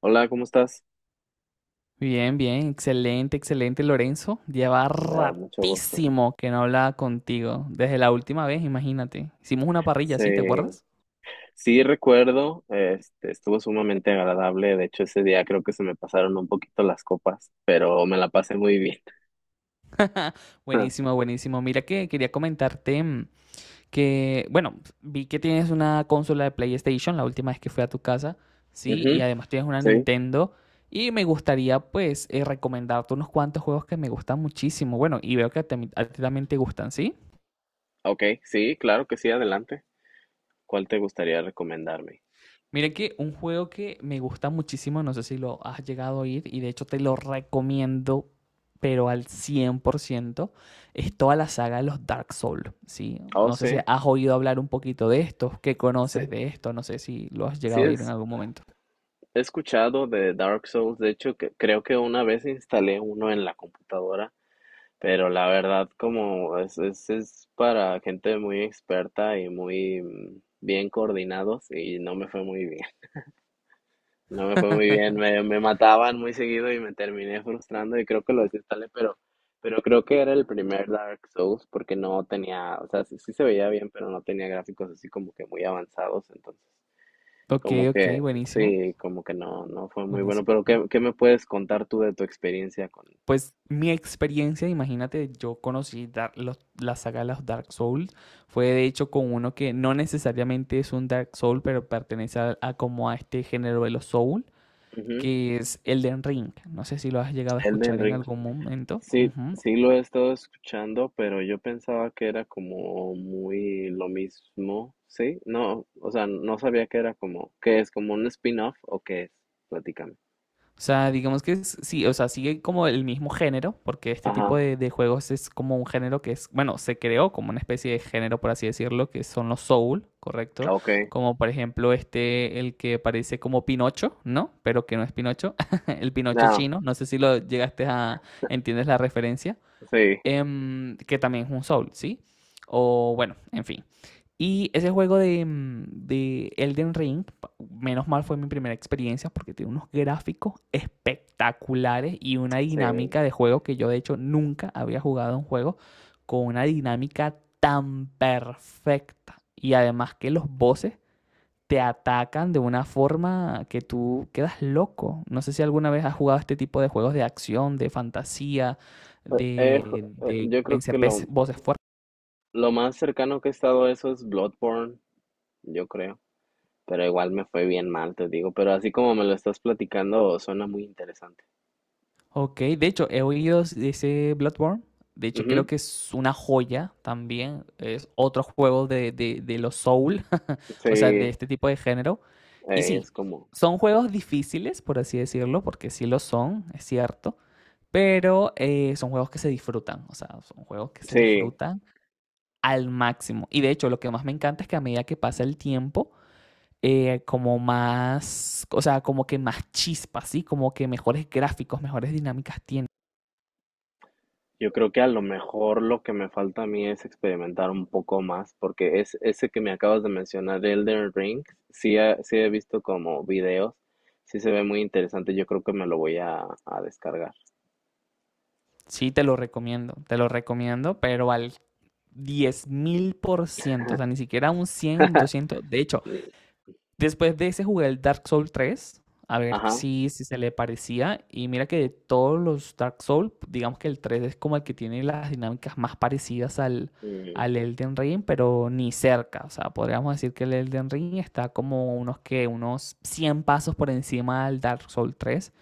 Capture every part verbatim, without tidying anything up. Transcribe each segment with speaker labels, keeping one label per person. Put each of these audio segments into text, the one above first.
Speaker 1: Hola, ¿cómo estás?
Speaker 2: Bien, bien, excelente, excelente, Lorenzo. Lleva
Speaker 1: Me da mucho gusto.
Speaker 2: ratísimo que no hablaba contigo. Desde la última vez, imagínate. Hicimos una parrilla,
Speaker 1: Sí,
Speaker 2: ¿sí? ¿Te acuerdas?
Speaker 1: sí recuerdo, este, estuvo sumamente agradable. De hecho, ese día creo que se me pasaron un poquito las copas, pero me la pasé muy bien.
Speaker 2: Buenísimo, buenísimo. Mira que quería comentarte mm, que, bueno, vi que tienes una consola de PlayStation la última vez que fui a tu casa, ¿sí? Y
Speaker 1: Ujú,
Speaker 2: además tienes una
Speaker 1: sí,
Speaker 2: Nintendo. Y me gustaría, pues, eh, recomendarte unos cuantos juegos que me gustan muchísimo. Bueno, y veo que a ti a ti también te gustan, ¿sí?
Speaker 1: ok, sí, claro que sí, adelante. ¿Cuál te gustaría recomendarme?
Speaker 2: Mira que un juego que me gusta muchísimo, no sé si lo has llegado a oír y de hecho te lo recomiendo, pero al cien por ciento es toda la saga de los Dark Souls, ¿sí?
Speaker 1: Oh,
Speaker 2: No sé si
Speaker 1: sí,
Speaker 2: has oído hablar un poquito de esto, qué
Speaker 1: sí,
Speaker 2: conoces de esto, no sé si lo has
Speaker 1: sí
Speaker 2: llegado a oír en
Speaker 1: es,
Speaker 2: algún momento.
Speaker 1: he escuchado de Dark Souls. De hecho, que, creo que una vez instalé uno en la computadora. Pero la verdad, como es, es, es para gente muy experta y muy mm, bien coordinados y no me fue muy bien. No me fue muy bien, me, me mataban muy seguido y me terminé frustrando y creo que lo desinstalé, pero, pero creo que era el primer Dark Souls porque no tenía, o sea, sí, sí se veía bien, pero no tenía gráficos así como que muy avanzados, entonces
Speaker 2: Ok,
Speaker 1: como
Speaker 2: ok,
Speaker 1: que
Speaker 2: buenísimo,
Speaker 1: sí, como que no, no fue muy bueno. Pero
Speaker 2: buenísimo.
Speaker 1: ¿qué, qué me puedes contar tú de tu experiencia con,
Speaker 2: Pues mi experiencia, imagínate, yo conocí dar- los- la saga de los Dark Souls, fue de hecho con uno que no necesariamente es un Dark Soul, pero pertenece a, a como a este género de los Soul,
Speaker 1: ujú,
Speaker 2: que es Elden Ring. No sé si lo has llegado a
Speaker 1: Elden
Speaker 2: escuchar en
Speaker 1: Ring?
Speaker 2: algún momento.
Speaker 1: Sí,
Speaker 2: Ujú.
Speaker 1: sí lo he estado escuchando, pero yo pensaba que era como muy lo mismo, ¿sí? No, o sea, no sabía que era como, ¿qué es? ¿Como un spin-off o qué es? Platícame.
Speaker 2: O sea, digamos que es- sí, o sea, sigue como el mismo género, porque este
Speaker 1: Ajá,
Speaker 2: tipo de, de juegos es como un género que es, bueno, se creó como una especie de género, por así decirlo, que son los soul, ¿correcto?
Speaker 1: ok.
Speaker 2: Como por ejemplo este, el que parece como Pinocho, ¿no? Pero que no es Pinocho, el Pinocho
Speaker 1: No,
Speaker 2: chino, no sé si lo llegaste a, ¿entiendes la referencia?
Speaker 1: sí,
Speaker 2: Em, que también es un Soul, ¿sí? O bueno, en fin. Y ese juego de, mm, de Elden Ring, menos mal fue mi primera experiencia porque tiene unos gráficos espectaculares y una
Speaker 1: sí. Eh,
Speaker 2: dinámica de juego que yo de hecho nunca había jugado un juego con una dinámica tan perfecta. Y además que los voces te atacan de una forma que tú quedas loco. No sé si alguna vez has jugado este tipo de juegos de acción, de fantasía,
Speaker 1: eh, eh,
Speaker 2: de, de
Speaker 1: yo creo
Speaker 2: vencer
Speaker 1: que lo,
Speaker 2: ves- voces fuertes.
Speaker 1: lo más cercano que he estado a eso es Bloodborne, yo creo. Pero igual me fue bien mal, te digo. Pero así como me lo estás platicando, suena muy interesante.
Speaker 2: Ok, de hecho, he oído de ese Bloodborne. De hecho, creo
Speaker 1: Ujú,
Speaker 2: que es una joya también. Es otro juego de, de, de los Soul,
Speaker 1: sí,
Speaker 2: o sea, de
Speaker 1: eh,
Speaker 2: este tipo de género. Y sí,
Speaker 1: es como,
Speaker 2: son juegos difíciles, por así decirlo, porque sí lo son, es cierto. Pero eh, son juegos que se disfrutan, o sea, son juegos que se
Speaker 1: sí.
Speaker 2: disfrutan al máximo. Y de hecho, lo que más me encanta es que a medida que pasa el tiempo, eh, como más, o sea, como que más chispas, ¿sí? Como que mejores gráficos, mejores dinámicas tiene.
Speaker 1: Yo creo que a lo mejor lo que me falta a mí es experimentar un poco más, porque es ese que me acabas de mencionar, Elden Ring, sí, he- sí he visto como videos, sí se ve muy interesante, yo creo que me lo voy a, a descargar.
Speaker 2: Sí, te lo recomiendo, te lo recomiendo, pero al diez mil por ciento, o sea, ni siquiera un cien doscientos de hecho.
Speaker 1: Mm,
Speaker 2: Después de ese jugué el Dark Souls tres, a ver
Speaker 1: ajá.
Speaker 2: si, si se le parecía. Y mira que de todos los Dark Souls, digamos que el tres es como el que tiene las dinámicas más parecidas al,
Speaker 1: Mm,
Speaker 2: al Elden Ring, pero ni cerca. O sea, podríamos decir que el Elden Ring está como unos que unos cien pasos por encima del Dark Souls tres.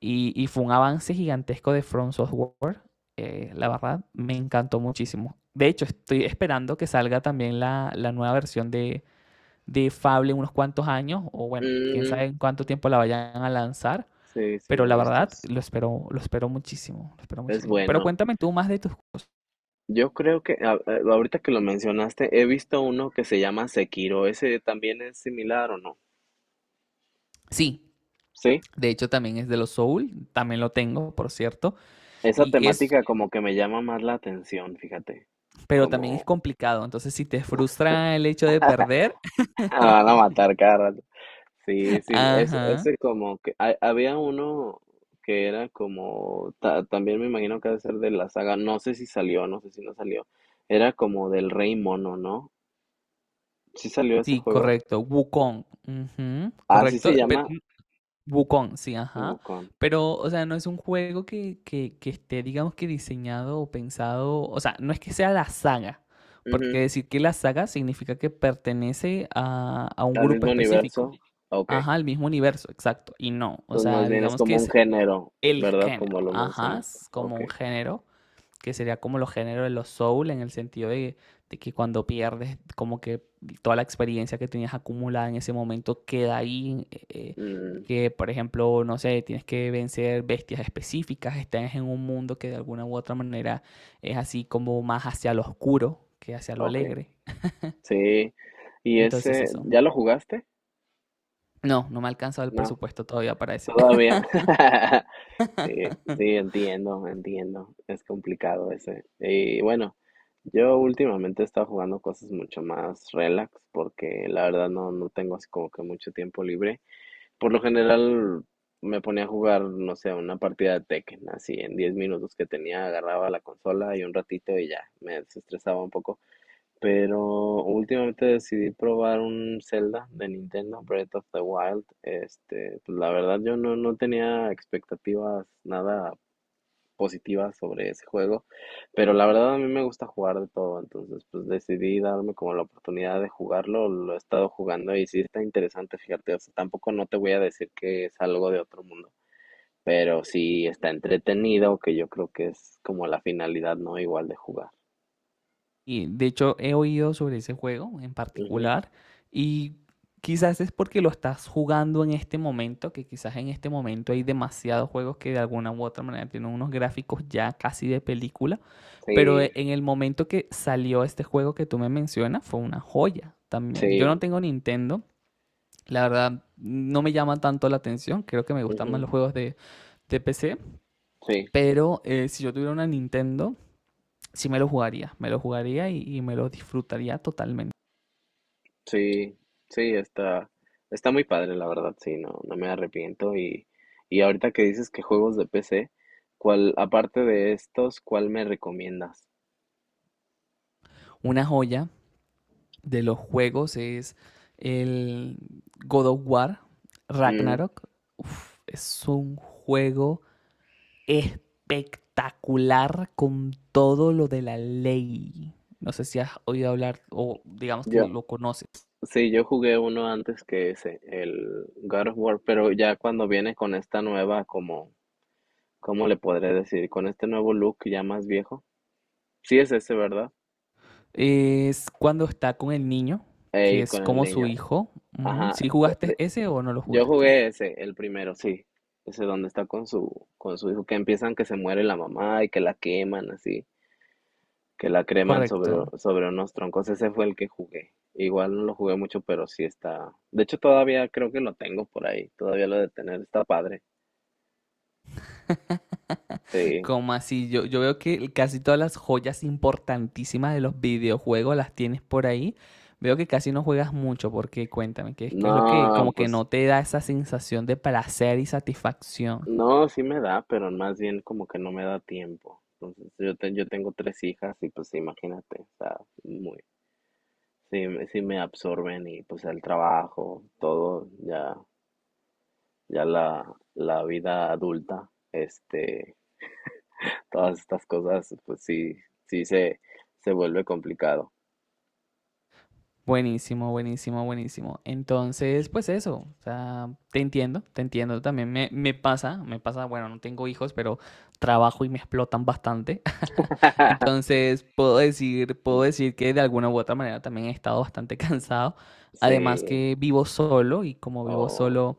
Speaker 2: Y, y fue un avance gigantesco de From Software. Eh, la verdad, me encantó muchísimo. De hecho, estoy esperando que salga también la, la nueva versión de, de Fable en unos cuantos años, o bueno, quién
Speaker 1: mm,
Speaker 2: sabe en cuánto tiempo la vayan a lanzar,
Speaker 1: sí, sí
Speaker 2: pero
Speaker 1: lo
Speaker 2: la
Speaker 1: he visto.
Speaker 2: verdad
Speaker 1: Es,
Speaker 2: lo espero, lo espero muchísimo, lo espero
Speaker 1: es
Speaker 2: muchísimo. Pero
Speaker 1: bueno.
Speaker 2: cuéntame tú más de tus cosas.
Speaker 1: Yo creo que a- a- ahorita que lo mencionaste, he visto uno que se llama Sekiro. ¿Ese también es similar o no?
Speaker 2: Sí,
Speaker 1: Sí.
Speaker 2: de hecho también es de los Soul, también lo tengo, por cierto,
Speaker 1: Esa
Speaker 2: y es,
Speaker 1: temática como que me llama más la atención, fíjate.
Speaker 2: pero también es
Speaker 1: Como
Speaker 2: complicado, entonces si te frustra el hecho de perder.
Speaker 1: Me van a matar cada rato. Sí, sí, es,
Speaker 2: Ajá.
Speaker 1: ese como que hay- había uno que era como, ta- también me imagino que debe ser de la saga, no sé si salió, no sé si no salió, era como del Rey Mono, ¿no? ¿Sí salió ese
Speaker 2: Sí,
Speaker 1: juego?
Speaker 2: correcto. Wukong, ujú,
Speaker 1: Así se
Speaker 2: correcto. Pero
Speaker 1: llama
Speaker 2: Wukong, sí, ajá.
Speaker 1: Wukong.
Speaker 2: Pero, o sea, no es un juego que, que, que esté, digamos que diseñado o pensado, o sea, no es que sea la saga, porque
Speaker 1: Ujú,
Speaker 2: decir que la saga significa que pertenece a, a un
Speaker 1: al
Speaker 2: grupo
Speaker 1: mismo
Speaker 2: específico,
Speaker 1: universo. Ok.
Speaker 2: ajá, al mismo universo, exacto, y no, o
Speaker 1: Entonces más
Speaker 2: sea,
Speaker 1: bien es
Speaker 2: digamos
Speaker 1: como
Speaker 2: que
Speaker 1: un
Speaker 2: es
Speaker 1: género,
Speaker 2: el
Speaker 1: ¿verdad? Como
Speaker 2: género,
Speaker 1: lo
Speaker 2: ajá,
Speaker 1: mencionaste.
Speaker 2: es como
Speaker 1: Ok.
Speaker 2: un género que sería como los géneros de los soul, en el sentido de, de que cuando pierdes, como que toda la experiencia que tenías acumulada en ese momento queda ahí. Eh, eh,
Speaker 1: Mm,
Speaker 2: que, por ejemplo, no sé, tienes que vencer bestias específicas, estás en un mundo que de alguna u otra manera es así como más hacia lo oscuro que hacia lo
Speaker 1: ok.
Speaker 2: alegre.
Speaker 1: Sí. ¿Y
Speaker 2: Entonces
Speaker 1: ese,
Speaker 2: eso.
Speaker 1: ya lo jugaste?
Speaker 2: No, no me ha alcanzado el
Speaker 1: No.
Speaker 2: presupuesto todavía para eso.
Speaker 1: Todavía. Sí, sí, entiendo, entiendo. Es complicado ese. Y bueno, yo últimamente he estado jugando cosas mucho más relax porque la verdad no, no tengo así como que mucho tiempo libre. Por lo general me ponía a jugar, no sé, una partida de Tekken, así en diez minutos que tenía, agarraba la consola y un ratito y ya, me desestresaba un poco. Pero últimamente decidí probar un Zelda de Nintendo, Breath of the Wild. Este, pues la verdad yo no, no tenía expectativas nada positivas sobre ese juego, pero la verdad a mí me gusta jugar de todo, entonces pues decidí darme como la oportunidad de jugarlo, lo he estado jugando y sí está interesante, fíjate, o sea, tampoco no te voy a decir que es algo de otro mundo, pero sí está entretenido, que yo creo que es como la finalidad, ¿no? Igual de jugar.
Speaker 2: Y de hecho he oído sobre ese juego en
Speaker 1: Ujú.
Speaker 2: particular, y quizás es porque lo estás jugando en este momento, que quizás en este momento hay demasiados juegos que de alguna u otra manera tienen unos gráficos ya casi de película, pero
Speaker 1: Sí,
Speaker 2: e- en el momento que salió este juego que tú me mencionas fue una joya también. Yo no
Speaker 1: sí,
Speaker 2: tengo Nintendo, la verdad no me llama tanto la atención, creo que me gustan más
Speaker 1: ujú,
Speaker 2: los juegos de, de P C,
Speaker 1: sí,
Speaker 2: pero eh, si yo tuviera una Nintendo, sí me lo jugaría, me lo jugaría y y me lo disfrutaría totalmente.
Speaker 1: sí, sí, está, está muy padre, la verdad, sí, no, no me arrepiento. Y, y ahorita que dices que juegos de P C, ¿cuál, aparte de estos, cuál me recomiendas?
Speaker 2: Una joya de los juegos es el God of War,
Speaker 1: Mm,
Speaker 2: Ragnarok. Uf, es un juego espectacular con todo lo de la ley. No sé si has oído hablar o digamos que
Speaker 1: yo,
Speaker 2: lo conoces.
Speaker 1: sí, yo jugué uno antes que ese, el God of War, pero ya cuando viene con esta nueva, como, ¿cómo le podré decir? Con este nuevo look ya más viejo. Sí es ese, ¿verdad?
Speaker 2: Es cuando está con el niño, que
Speaker 1: Ey,
Speaker 2: es
Speaker 1: con el
Speaker 2: como su
Speaker 1: niño.
Speaker 2: hijo.
Speaker 1: Ajá,
Speaker 2: Si ¿Sí jugaste ese o no lo
Speaker 1: yo
Speaker 2: jugaste?
Speaker 1: jugué ese, el primero, sí. Ese donde está con su, con su hijo, que empiezan que se muere la mamá y que la queman así, que la creman sobre,
Speaker 2: Correcto.
Speaker 1: sobre unos troncos. Ese fue el que jugué. Igual no lo jugué mucho, pero sí está. De hecho, todavía creo que lo tengo por ahí. Todavía lo de tener está padre. Sí.
Speaker 2: Como así? Yo, yo veo que casi todas las joyas importantísimas de los videojuegos las tienes por ahí. Veo que casi no juegas mucho, porque cuéntame, ¿qué es, qué es lo que
Speaker 1: No,
Speaker 2: como que
Speaker 1: pues,
Speaker 2: no te da esa sensación de placer y satisfacción?
Speaker 1: no, sí me da, pero más bien como que no me da tiempo. Entonces, yo, te- yo tengo tres hijas y pues imagínate, está muy. Sí, me- sí me absorben y pues el trabajo, todo, ya, ya la, la vida adulta, este, todas estas cosas, pues sí, sí se, se vuelve complicado.
Speaker 2: Buenísimo, buenísimo, buenísimo. Entonces, pues eso, o sea, te entiendo, te entiendo. También me, me pasa, me pasa, bueno, no tengo hijos, pero trabajo y me explotan bastante. Entonces, puedo decir, puedo
Speaker 1: Mm.
Speaker 2: decir que de alguna u otra manera también he estado bastante cansado. Además
Speaker 1: Sí,
Speaker 2: que vivo solo y como vivo
Speaker 1: o
Speaker 2: solo,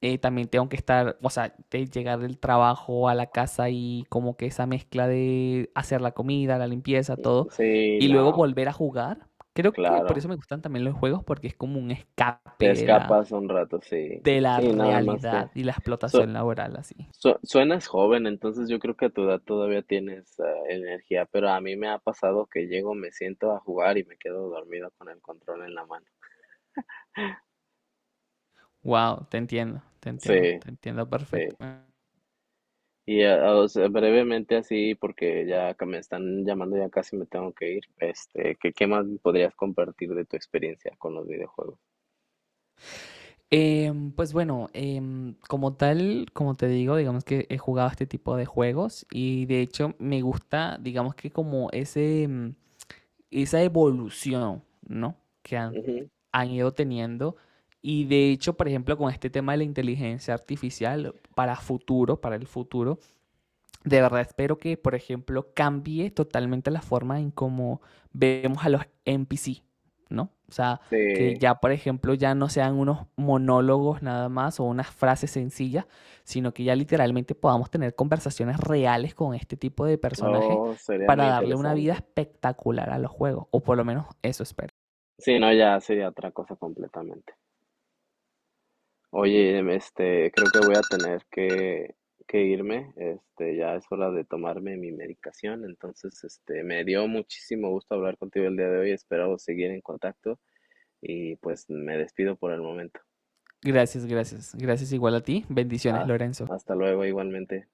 Speaker 2: eh, también tengo que estar, o sea, de llegar del trabajo a la casa y como que esa mezcla de hacer la comida, la limpieza, todo,
Speaker 1: sí,
Speaker 2: y luego
Speaker 1: no,
Speaker 2: volver a jugar. Creo que por eso
Speaker 1: claro,
Speaker 2: me gustan también los juegos, porque es como un
Speaker 1: te
Speaker 2: escape de la,
Speaker 1: escapas un rato, sí,
Speaker 2: de la
Speaker 1: sí, nada más que,
Speaker 2: realidad y la
Speaker 1: so-
Speaker 2: explotación laboral así.
Speaker 1: Su- Suenas joven, entonces yo creo que a tu edad todavía tienes ah, energía, pero a mí me ha pasado que llego, me siento a jugar y me quedo dormido con el control en la mano.
Speaker 2: Wow, te entiendo, te entiendo,
Speaker 1: Sí,
Speaker 2: te entiendo
Speaker 1: sí.
Speaker 2: perfectamente.
Speaker 1: Y ah, ah, o sea, brevemente así, porque ya que me están llamando, ya casi me tengo que ir. Este, ¿qué, qué más podrías compartir de tu experiencia con los videojuegos?
Speaker 2: Em, pues bueno, em, como tal, como te digo, digamos que he jugado este tipo de juegos y de hecho me gusta, digamos que como ese, em, esa evolución, ¿no? Que han,
Speaker 1: Ujú,
Speaker 2: han ido teniendo. Y de hecho, por ejemplo, con este tema de la inteligencia artificial, para futuro, para el futuro, de verdad, espero que, por ejemplo, cambie totalmente la forma en cómo vemos a los N P C, ¿no? O sea,
Speaker 1: sí,
Speaker 2: que ya, por ejemplo, ya no sean unos monólogos nada más o unas frases sencillas, sino que ya literalmente podamos tener conversaciones reales con este tipo de personajes
Speaker 1: oh, sería
Speaker 2: para
Speaker 1: muy
Speaker 2: darle una vida
Speaker 1: interesante.
Speaker 2: espectacular a los juegos, o por lo menos eso espero.
Speaker 1: Sí, no, ya sería otra cosa completamente. Oye, em, este, creo que voy a tener que, que irme, este, ya es hora de tomarme mi medicación, entonces, este, me dio muchísimo gusto hablar contigo el día de hoy, espero seguir en contacto y pues me despido por el momento.
Speaker 2: Gracias, gracias. Gracias igual a ti. Bendiciones,
Speaker 1: Haz-
Speaker 2: Lorenzo.
Speaker 1: Hasta luego, igualmente.